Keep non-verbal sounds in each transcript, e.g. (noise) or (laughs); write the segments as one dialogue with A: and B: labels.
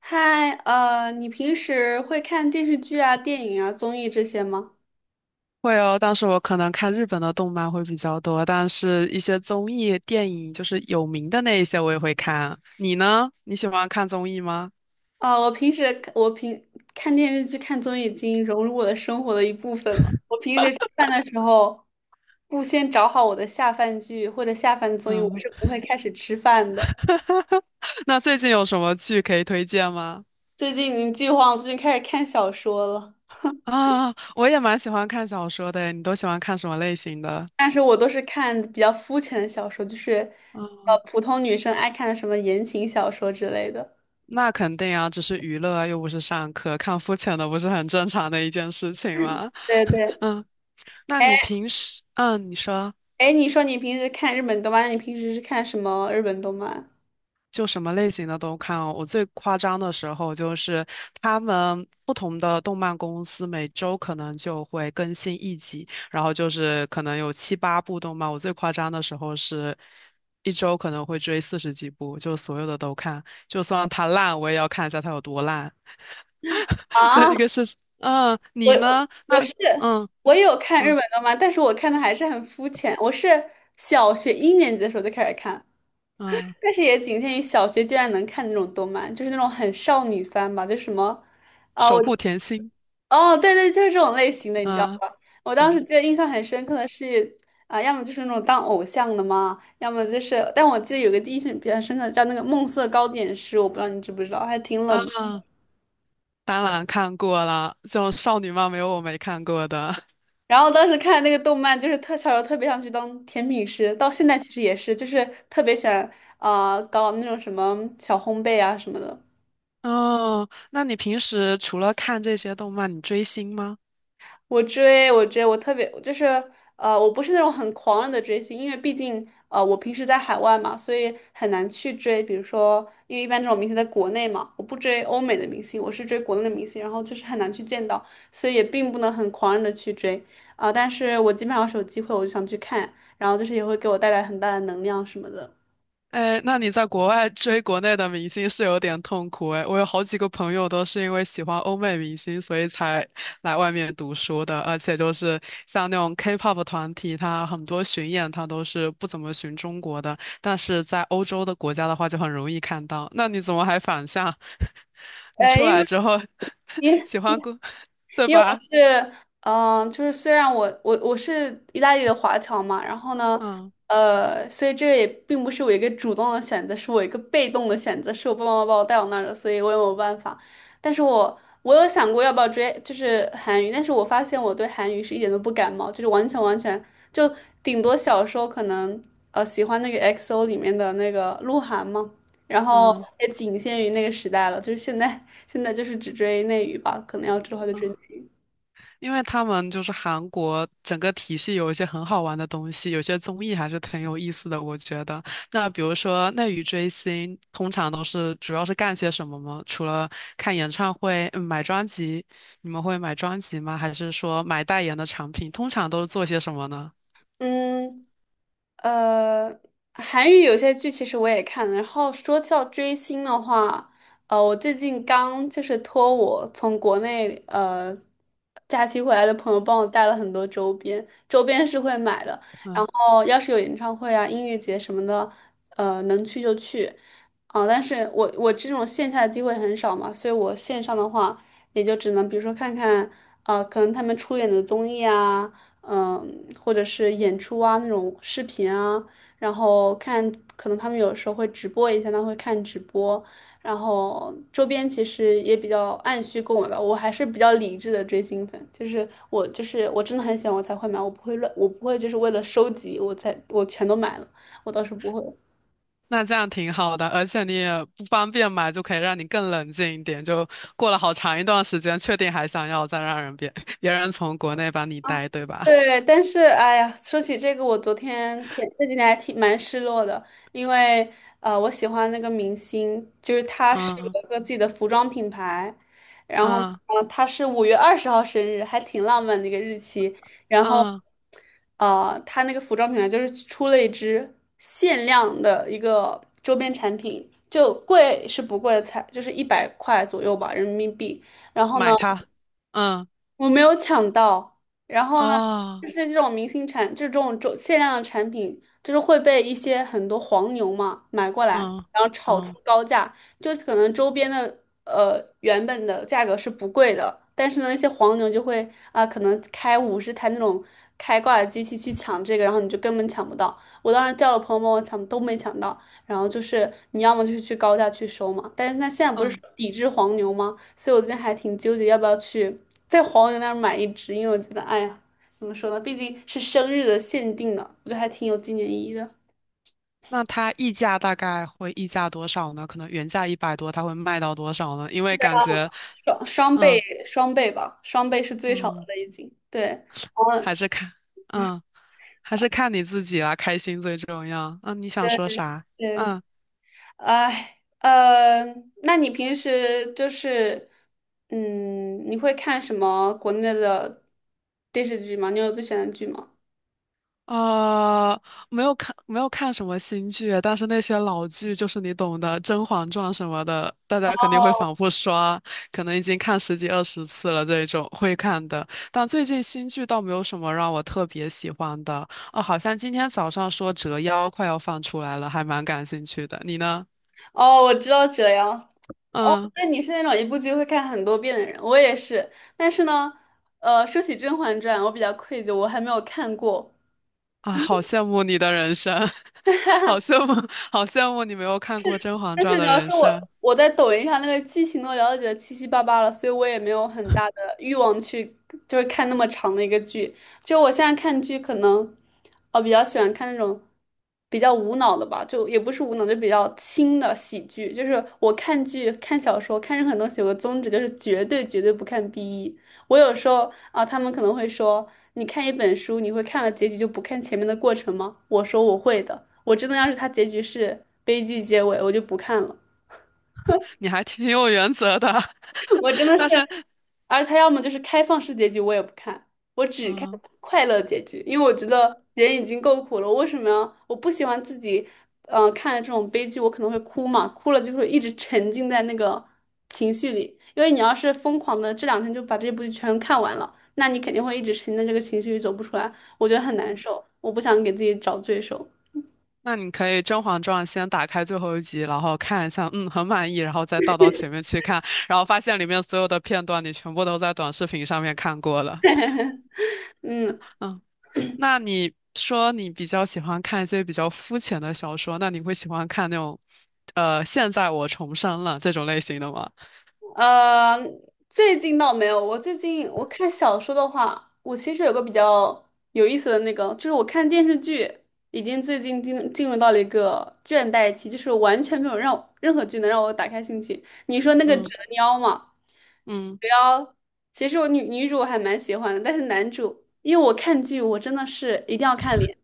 A: 嗨，你平时会看电视剧啊、电影啊、综艺这些吗？
B: 会哦，但是我可能看日本的动漫会比较多，但是一些综艺、电影，就是有名的那一些我也会看。你呢？你喜欢看综艺吗？
A: 啊、我平时我平看电视剧、看综艺已经融入我的生活的一部分了。我平时吃饭的时候，不先找好我的下饭剧或者下饭综艺，我
B: 嗯，
A: 是不会开始吃饭的。
B: (laughs) 那最近有什么剧可以推荐吗？
A: 最近已经剧荒，最近开始看小说了，
B: 啊，我也蛮喜欢看小说的，你都喜欢看什么类型的？
A: 但是我都是看比较肤浅的小说，就是
B: 嗯，
A: 普通女生爱看的什么言情小说之类的。
B: 那肯定啊，只是娱乐啊又不是上课，看肤浅的不是很正常的一件事情吗？
A: 对对。
B: 嗯，那
A: 哎
B: 你平时，嗯，你说。
A: 哎，你说你平时看日本动漫，那你平时是看什么日本动漫？
B: 就什么类型的都看哦。我最夸张的时候就是他们不同的动漫公司每周可能就会更新一集，然后就是可能有7、8部动漫。我最夸张的时候是一周可能会追40几部，就所有的都看，就算它烂我也要看一下它有多烂。(laughs) 对，
A: 啊，
B: 一个是，嗯，
A: 我
B: 你呢？
A: 我
B: 那，
A: 是
B: 嗯
A: 我有看日
B: 嗯
A: 本动漫，但是我看的还是很肤浅。我是小学一年级的时候就开始看，
B: 嗯，
A: 但是也仅限于小学阶段能看那种动漫，就是那种很少女番吧，就什么啊，
B: 守
A: 我
B: 护甜心，
A: 哦，对对，就是这种类型的，你知道
B: 嗯
A: 吧？我当时
B: 嗯。
A: 记得印象很深刻的是要么就是那种当偶像的嘛，要么就是，但我记得有个第一印象比较深刻的叫那个《梦色糕点师》，我不知道你知不知道，还挺
B: 啊，
A: 冷门。
B: 当然看过了，就少女漫没有我没看过的。
A: 然后当时看那个动漫，就是特小时候特别想去当甜品师，到现在其实也是，就是特别喜欢搞那种什么小烘焙啊什么的。
B: 哦，那你平时除了看这些动漫，你追星吗？
A: 我特别就是我不是那种很狂热的追星，因为毕竟我平时在海外嘛，所以很难去追。比如说，因为一般这种明星在国内嘛，我不追欧美的明星，我是追国内的明星，然后就是很难去见到，所以也并不能很狂热的去追。但是我基本上是有机会，我就想去看，然后就是也会给我带来很大的能量什么的。
B: 哎，那你在国外追国内的明星是有点痛苦哎。我有好几个朋友都是因为喜欢欧美明星，所以才来外面读书的。而且就是像那种 K-pop 团体，它很多巡演它都是不怎么巡中国的，但是在欧洲的国家的话就很容易看到。那你怎么还反向？(laughs) 你
A: 呃，
B: 出
A: 因
B: 来
A: 为
B: 之后 (laughs)
A: 因
B: 喜欢过，对
A: 因为我
B: 吧？
A: 是，就是虽然我是意大利的华侨嘛，然后呢，
B: 嗯
A: 所以这个也并不是我一个主动的选择，是我一个被动的选择，是我爸爸妈妈把我带到那儿的，所以我也没有办法。但是我我有想过要不要追，就是韩语，但是我发现我对韩语是一点都不感冒，就是完全完全就顶多小时候可能喜欢那个 XO 里面的那个鹿晗嘛，然后
B: 嗯。
A: 也仅限于那个时代了，就是现在就是只追内娱吧，可能要追的话就追。内
B: 嗯
A: 娱。
B: 因为他们就是韩国整个体系有一些很好玩的东西，有些综艺还是挺有意思的，我觉得。那比如说内娱追星，通常都是主要是干些什么吗？除了看演唱会、买专辑，你们会买专辑吗？还是说买代言的产品？通常都是做些什么呢？
A: 嗯，呃，韩语有些剧其实我也看了。然后说到追星的话，我最近刚就是托我从国内假期回来的朋友帮我带了很多周边，周边是会买的。
B: 嗯，
A: 哦，要是有演唱会啊、音乐节什么的，能去就去，但是我这种线下的机会很少嘛，所以我线上的话，也就只能比如说看看，啊，可能他们出演的综艺啊，或者是演出啊那种视频啊，然后看，可能他们有时候会直播一下，那会看直播，然后周边其实也比较按需购买吧，我还是比较理智的追星粉，就是我真的很喜欢我才会买，我不会乱，我不会就是为了收集我才全都买了，我倒是不会。
B: 那这样挺好的，而且你也不方便买，就可以让你更冷静一点。就过了好长一段时间，确定还想要，再让人别 (laughs) 别人从国内把你带，对吧？
A: 对，但是哎呀，说起这个，我昨天前这几天还挺蛮失落的，因为我喜欢那个明星，就是他是
B: 嗯
A: 有一个自己的服装品牌，然后呢，
B: 嗯。
A: 他是5月20号生日，还挺浪漫的一个日期。然后，
B: 嗯，
A: 他那个服装品牌就是出了一支限量的一个周边产品，就贵是不贵的，才就是100块左右吧，人民币。然后呢，
B: 买它，嗯，
A: 我没有抢到，然后呢，就
B: 哦，
A: 是这种明星产，就是这种限量的产品，就是会被一些很多黄牛嘛买过来，
B: 嗯
A: 然后炒出
B: 嗯
A: 高价，就可能周边的原本的价格是不贵的，但是呢，那些黄牛就会可能开50台那种开挂的机器去抢这个，然后你就根本抢不到。我当时叫了朋友帮我抢，都没抢到。然后就是你要么就去高价去收嘛，但是他现在不是说
B: 嗯，
A: 抵制黄牛吗？所以我最近还挺纠结要不要去在黄牛那儿买一只，因为我觉得，哎呀，怎么说呢，毕竟是生日的限定呢，我觉得还挺有纪念意义的。
B: 那它溢价大概会溢价多少呢？可能原价一百多，它会卖到多少呢？因为感觉，
A: 双双倍
B: 嗯
A: 双倍吧，双倍是最少的
B: 嗯，
A: 了已经。对，嗯，
B: 还是看，嗯，还是看你自己啦，开心最重要。嗯，你想
A: 对
B: 说啥？
A: 对。
B: 嗯。
A: 哎，呃，那你平时就是，你会看什么国内的电视剧吗？你有最喜欢的剧吗？
B: 呃，没有看什么新剧，但是那些老剧就是你懂的，《甄嬛传》什么的，大家肯定会反复刷，可能已经看10几20次了这种会看的。但最近新剧倒没有什么让我特别喜欢的。哦，好像今天早上说《折腰》快要放出来了，还蛮感兴趣的。你呢？
A: 哦，我知道这样。哦，
B: 嗯
A: 那你是那种一部剧会看很多遍的人，我也是。但是呢，说起《甄嬛传》，我比较愧疚，我还没有看过。
B: 啊，好羡慕你的人生，(laughs) 好羡慕，好羡慕你没有看过《甄嬛
A: 但
B: 传》
A: 是主
B: 的
A: 要
B: 人
A: 是
B: 生，
A: 我在抖音上那个剧情都了解的七七八八了，所以我也没有很大的欲望去就是看那么长的一个剧。就我现在看剧，可能比较喜欢看那种比较无脑的吧，就也不是无脑，就比较轻的喜剧。就是我看剧、看小说、看任何东西，有个宗旨就是绝对绝对不看 BE。我有时候啊，他们可能会说，你看一本书，你会看了结局就不看前面的过程吗？我说我会的，我真的要是它结局是悲剧结尾，我就不看了。
B: 你还挺有原则的。
A: (laughs) 我真
B: (laughs)
A: 的是，
B: 但是
A: 而他要么就是开放式结局，我也不看，我只看
B: 嗯，
A: 快乐结局，因为我觉得人已经够苦了，为什么要？我不喜欢自己，看这种悲剧，我可能会哭嘛，哭了就会一直沉浸在那个情绪里。因为你要是疯狂的这两天就把这部剧全看完了，那你肯定会一直沉浸在这个情绪里走不出来，我觉得很难受，我不想给自己找罪受。
B: 那你可以《甄嬛传》先打开最后一集，然后看一下，嗯，很满意，然后再倒到前面去看，然后发现里面所有的片段你全部都在短视频上面看过了。
A: 嗯。
B: 嗯，那你说你比较喜欢看一些比较肤浅的小说，那你会喜欢看那种，现在我重生了这种类型的吗？
A: 呃，最近倒没有。我最近我看小说的话，我其实有个比较有意思的那个，就是我看电视剧，已经最近进入到了一个倦怠期，就是完全没有让任何剧能让我打开兴趣。你说那个折
B: 嗯
A: 腰嘛，
B: 嗯
A: 折腰，其实女主我还蛮喜欢的，但是男主，因为我看剧我真的是一定要看。脸。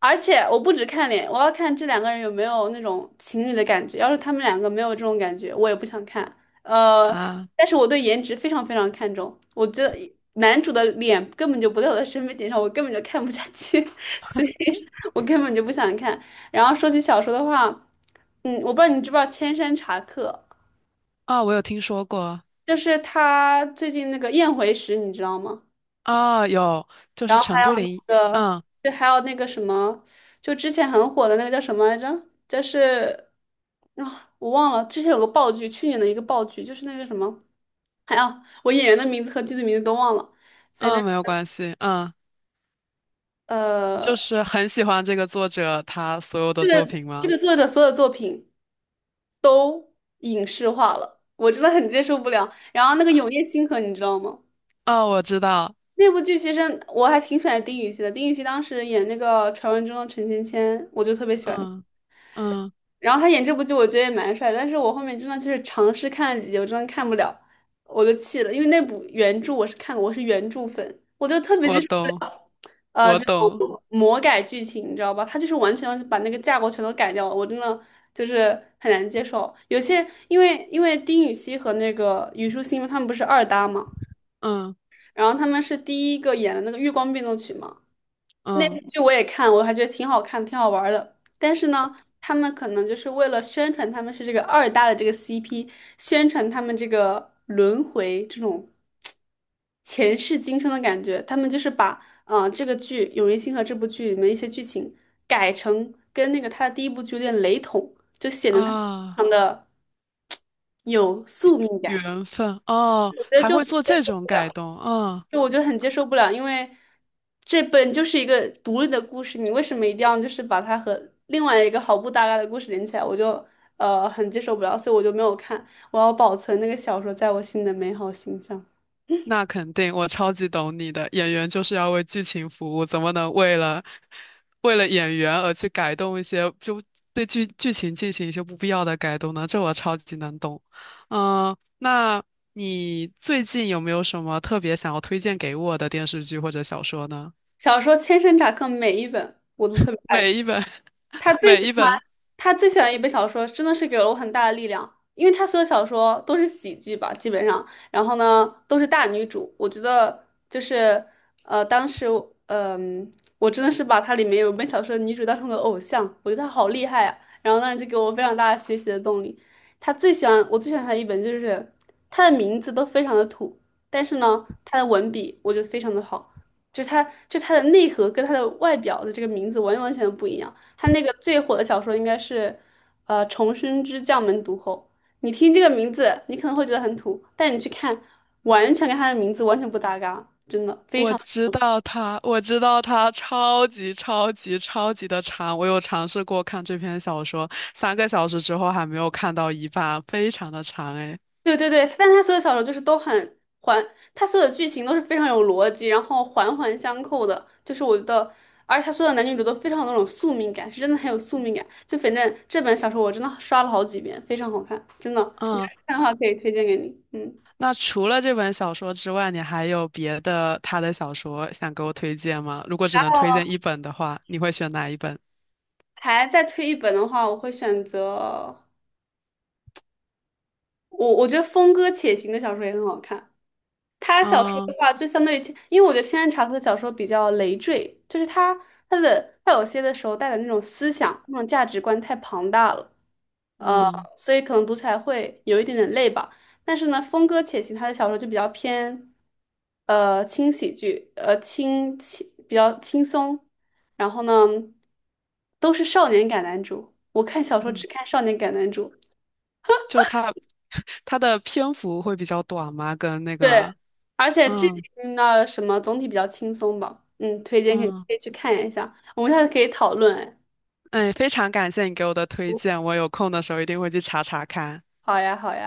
A: 而且我不只看脸，我要看这两个人有没有那种情侣的感觉。要是他们两个没有这种感觉，我也不想看。呃，
B: 啊。
A: 但是我对颜值非常非常看重，我觉得男主的脸根本就不在我的审美点上，我根本就看不下去，(laughs) 所以我根本就不想看。然后说起小说的话，我不知道你知不知道《千山茶客》，
B: 啊，我有听说过。
A: 就是他最近那个《宴回时》，你知道吗？
B: 啊，有，就
A: 然
B: 是
A: 后还
B: 陈
A: 有
B: 都灵，
A: 那个，
B: 嗯
A: 就还有那个什么，就之前很火的那个叫什么来着？就是啊，我忘了，之前有个爆剧，去年的一个爆剧，就是那个什么，还有我演员的名字和剧的名字都忘了，反正
B: 嗯，没有关系，嗯。你就
A: 呃，
B: 是很喜欢这个作者他所有的
A: 这
B: 作
A: 个
B: 品
A: 这
B: 吗？
A: 个作者所有作品影视化了，我真的很接受不了。然后那个《永夜星河》，你知道吗？
B: 哦，我知道，
A: 那部剧其实我还挺喜欢丁禹兮的，丁禹兮当时演那个《传闻中的陈芊芊》，我就特别喜欢。
B: 嗯嗯，
A: 然后他演这部剧，我觉得也蛮帅的，但是我后面真的就是尝试看了几集，我真的看不了，我就气了，因为那部原著我是看过，我是原著粉，我就特别
B: 我
A: 接受不
B: 懂，
A: 了，
B: 我
A: 这
B: 懂，
A: 种魔改剧情，你知道吧？他就是完全要把那个架构全都改掉了，我真的就是很难接受。有些人因为丁禹兮和那个虞书欣他们不是二搭嘛，
B: 嗯
A: 然后他们是第一个演的那个《月光变奏曲》嘛。那部
B: 嗯
A: 剧我也看，我还觉得挺好看，挺好玩儿的。但是呢，他们可能就是为了宣传他们是这个二搭的这个 CP，宣传他们这个轮回这种前世今生的感觉，他们就是把这个剧《永夜星河》这部剧里面一些剧情改成跟那个他的第一部剧有点雷同，就显得他们非
B: 啊，
A: 常的有宿命感。
B: 缘分
A: 我
B: 哦，
A: 觉得
B: 还
A: 就。
B: 会做这种改动，嗯。
A: 就我觉得很接受不了，因为这本就是一个独立的故事，你为什么一定要就是把它和另外一个毫不搭嘎的故事连起来？我就很接受不了，所以我就没有看。我要保存那个小说在我心里的美好形象。
B: 那肯定，我超级懂你的。演员就是要为剧情服务，怎么能为了演员而去改动一些，就对剧情进行一些不必要的改动呢？这我超级能懂。嗯，那你最近有没有什么特别想要推荐给我的电视剧或者小说呢？
A: 小说千山茶客每一本我都特别爱看。
B: 每一本，(laughs)
A: 他最
B: 每
A: 喜
B: 一
A: 欢
B: 本。
A: 他最喜欢一本小说，真的是给了我很大的力量，因为他所有小说都是喜剧吧，基本上，然后呢都是大女主，我觉得就是呃，当时嗯、呃我真的是把它里面有一本小说的女主当成了偶像，我觉得她好厉害啊，然后当时就给我非常大的学习的动力。他最喜欢我最喜欢他的一本就是他的名字都非常的土，但是呢他的文笔我觉得非常的好，就是他就他的内核跟他的外表的这个名字完完全不一样。他那个最火的小说应该是，《重生之将门毒后》。你听这个名字，你可能会觉得很土，但你去看，完全跟他的名字完全不搭嘎，真的非
B: 我
A: 常。
B: 知道他，我知道他超级超级超级的长。我有尝试过看这篇小说，3个小时之后还没有看到一半，非常的长诶。
A: 对对对，但他所有小说就是都很环，他所有的剧情都是非常有逻辑，然后环环相扣的。就是我觉得，而且他所有的男女主都非常有那种宿命感，是真的很有宿命感。就反正这本小说我真的刷了好几遍，非常好看，真的。你
B: 嗯，
A: 要是看的话，可以推荐给你。嗯，
B: 那除了这本小说之外，你还有别的他的小说想给我推荐吗？如果只能推荐一本的话，你会选哪一本？
A: 还再推一本的话，我会选择。我觉得峰哥且行的小说也很好看。他小说的
B: 嗯
A: 话，就相对于，因为我觉得天山茶夫的小说比较累赘，就是他他有些的时候带的那种思想、那种价值观太庞大了，呃，
B: 嗯
A: 所以可能读起来会有一点点累吧。但是呢，峰哥且行他的小说就比较偏，轻喜剧，呃，轻轻比较轻松，然后呢，都是少年感男主。我看小说只
B: 嗯，
A: 看少年感男主。
B: 就他他的篇幅会比较短吗？跟那
A: 对，
B: 个
A: 而且剧
B: 嗯
A: 情的什么总体比较轻松吧，嗯，推荐给你
B: 嗯，
A: 可以去看一下，我们下次可以讨论，哎，
B: 哎，非常感谢你给我的推荐，我有空的时候一定会去查查看。
A: 好呀，好呀。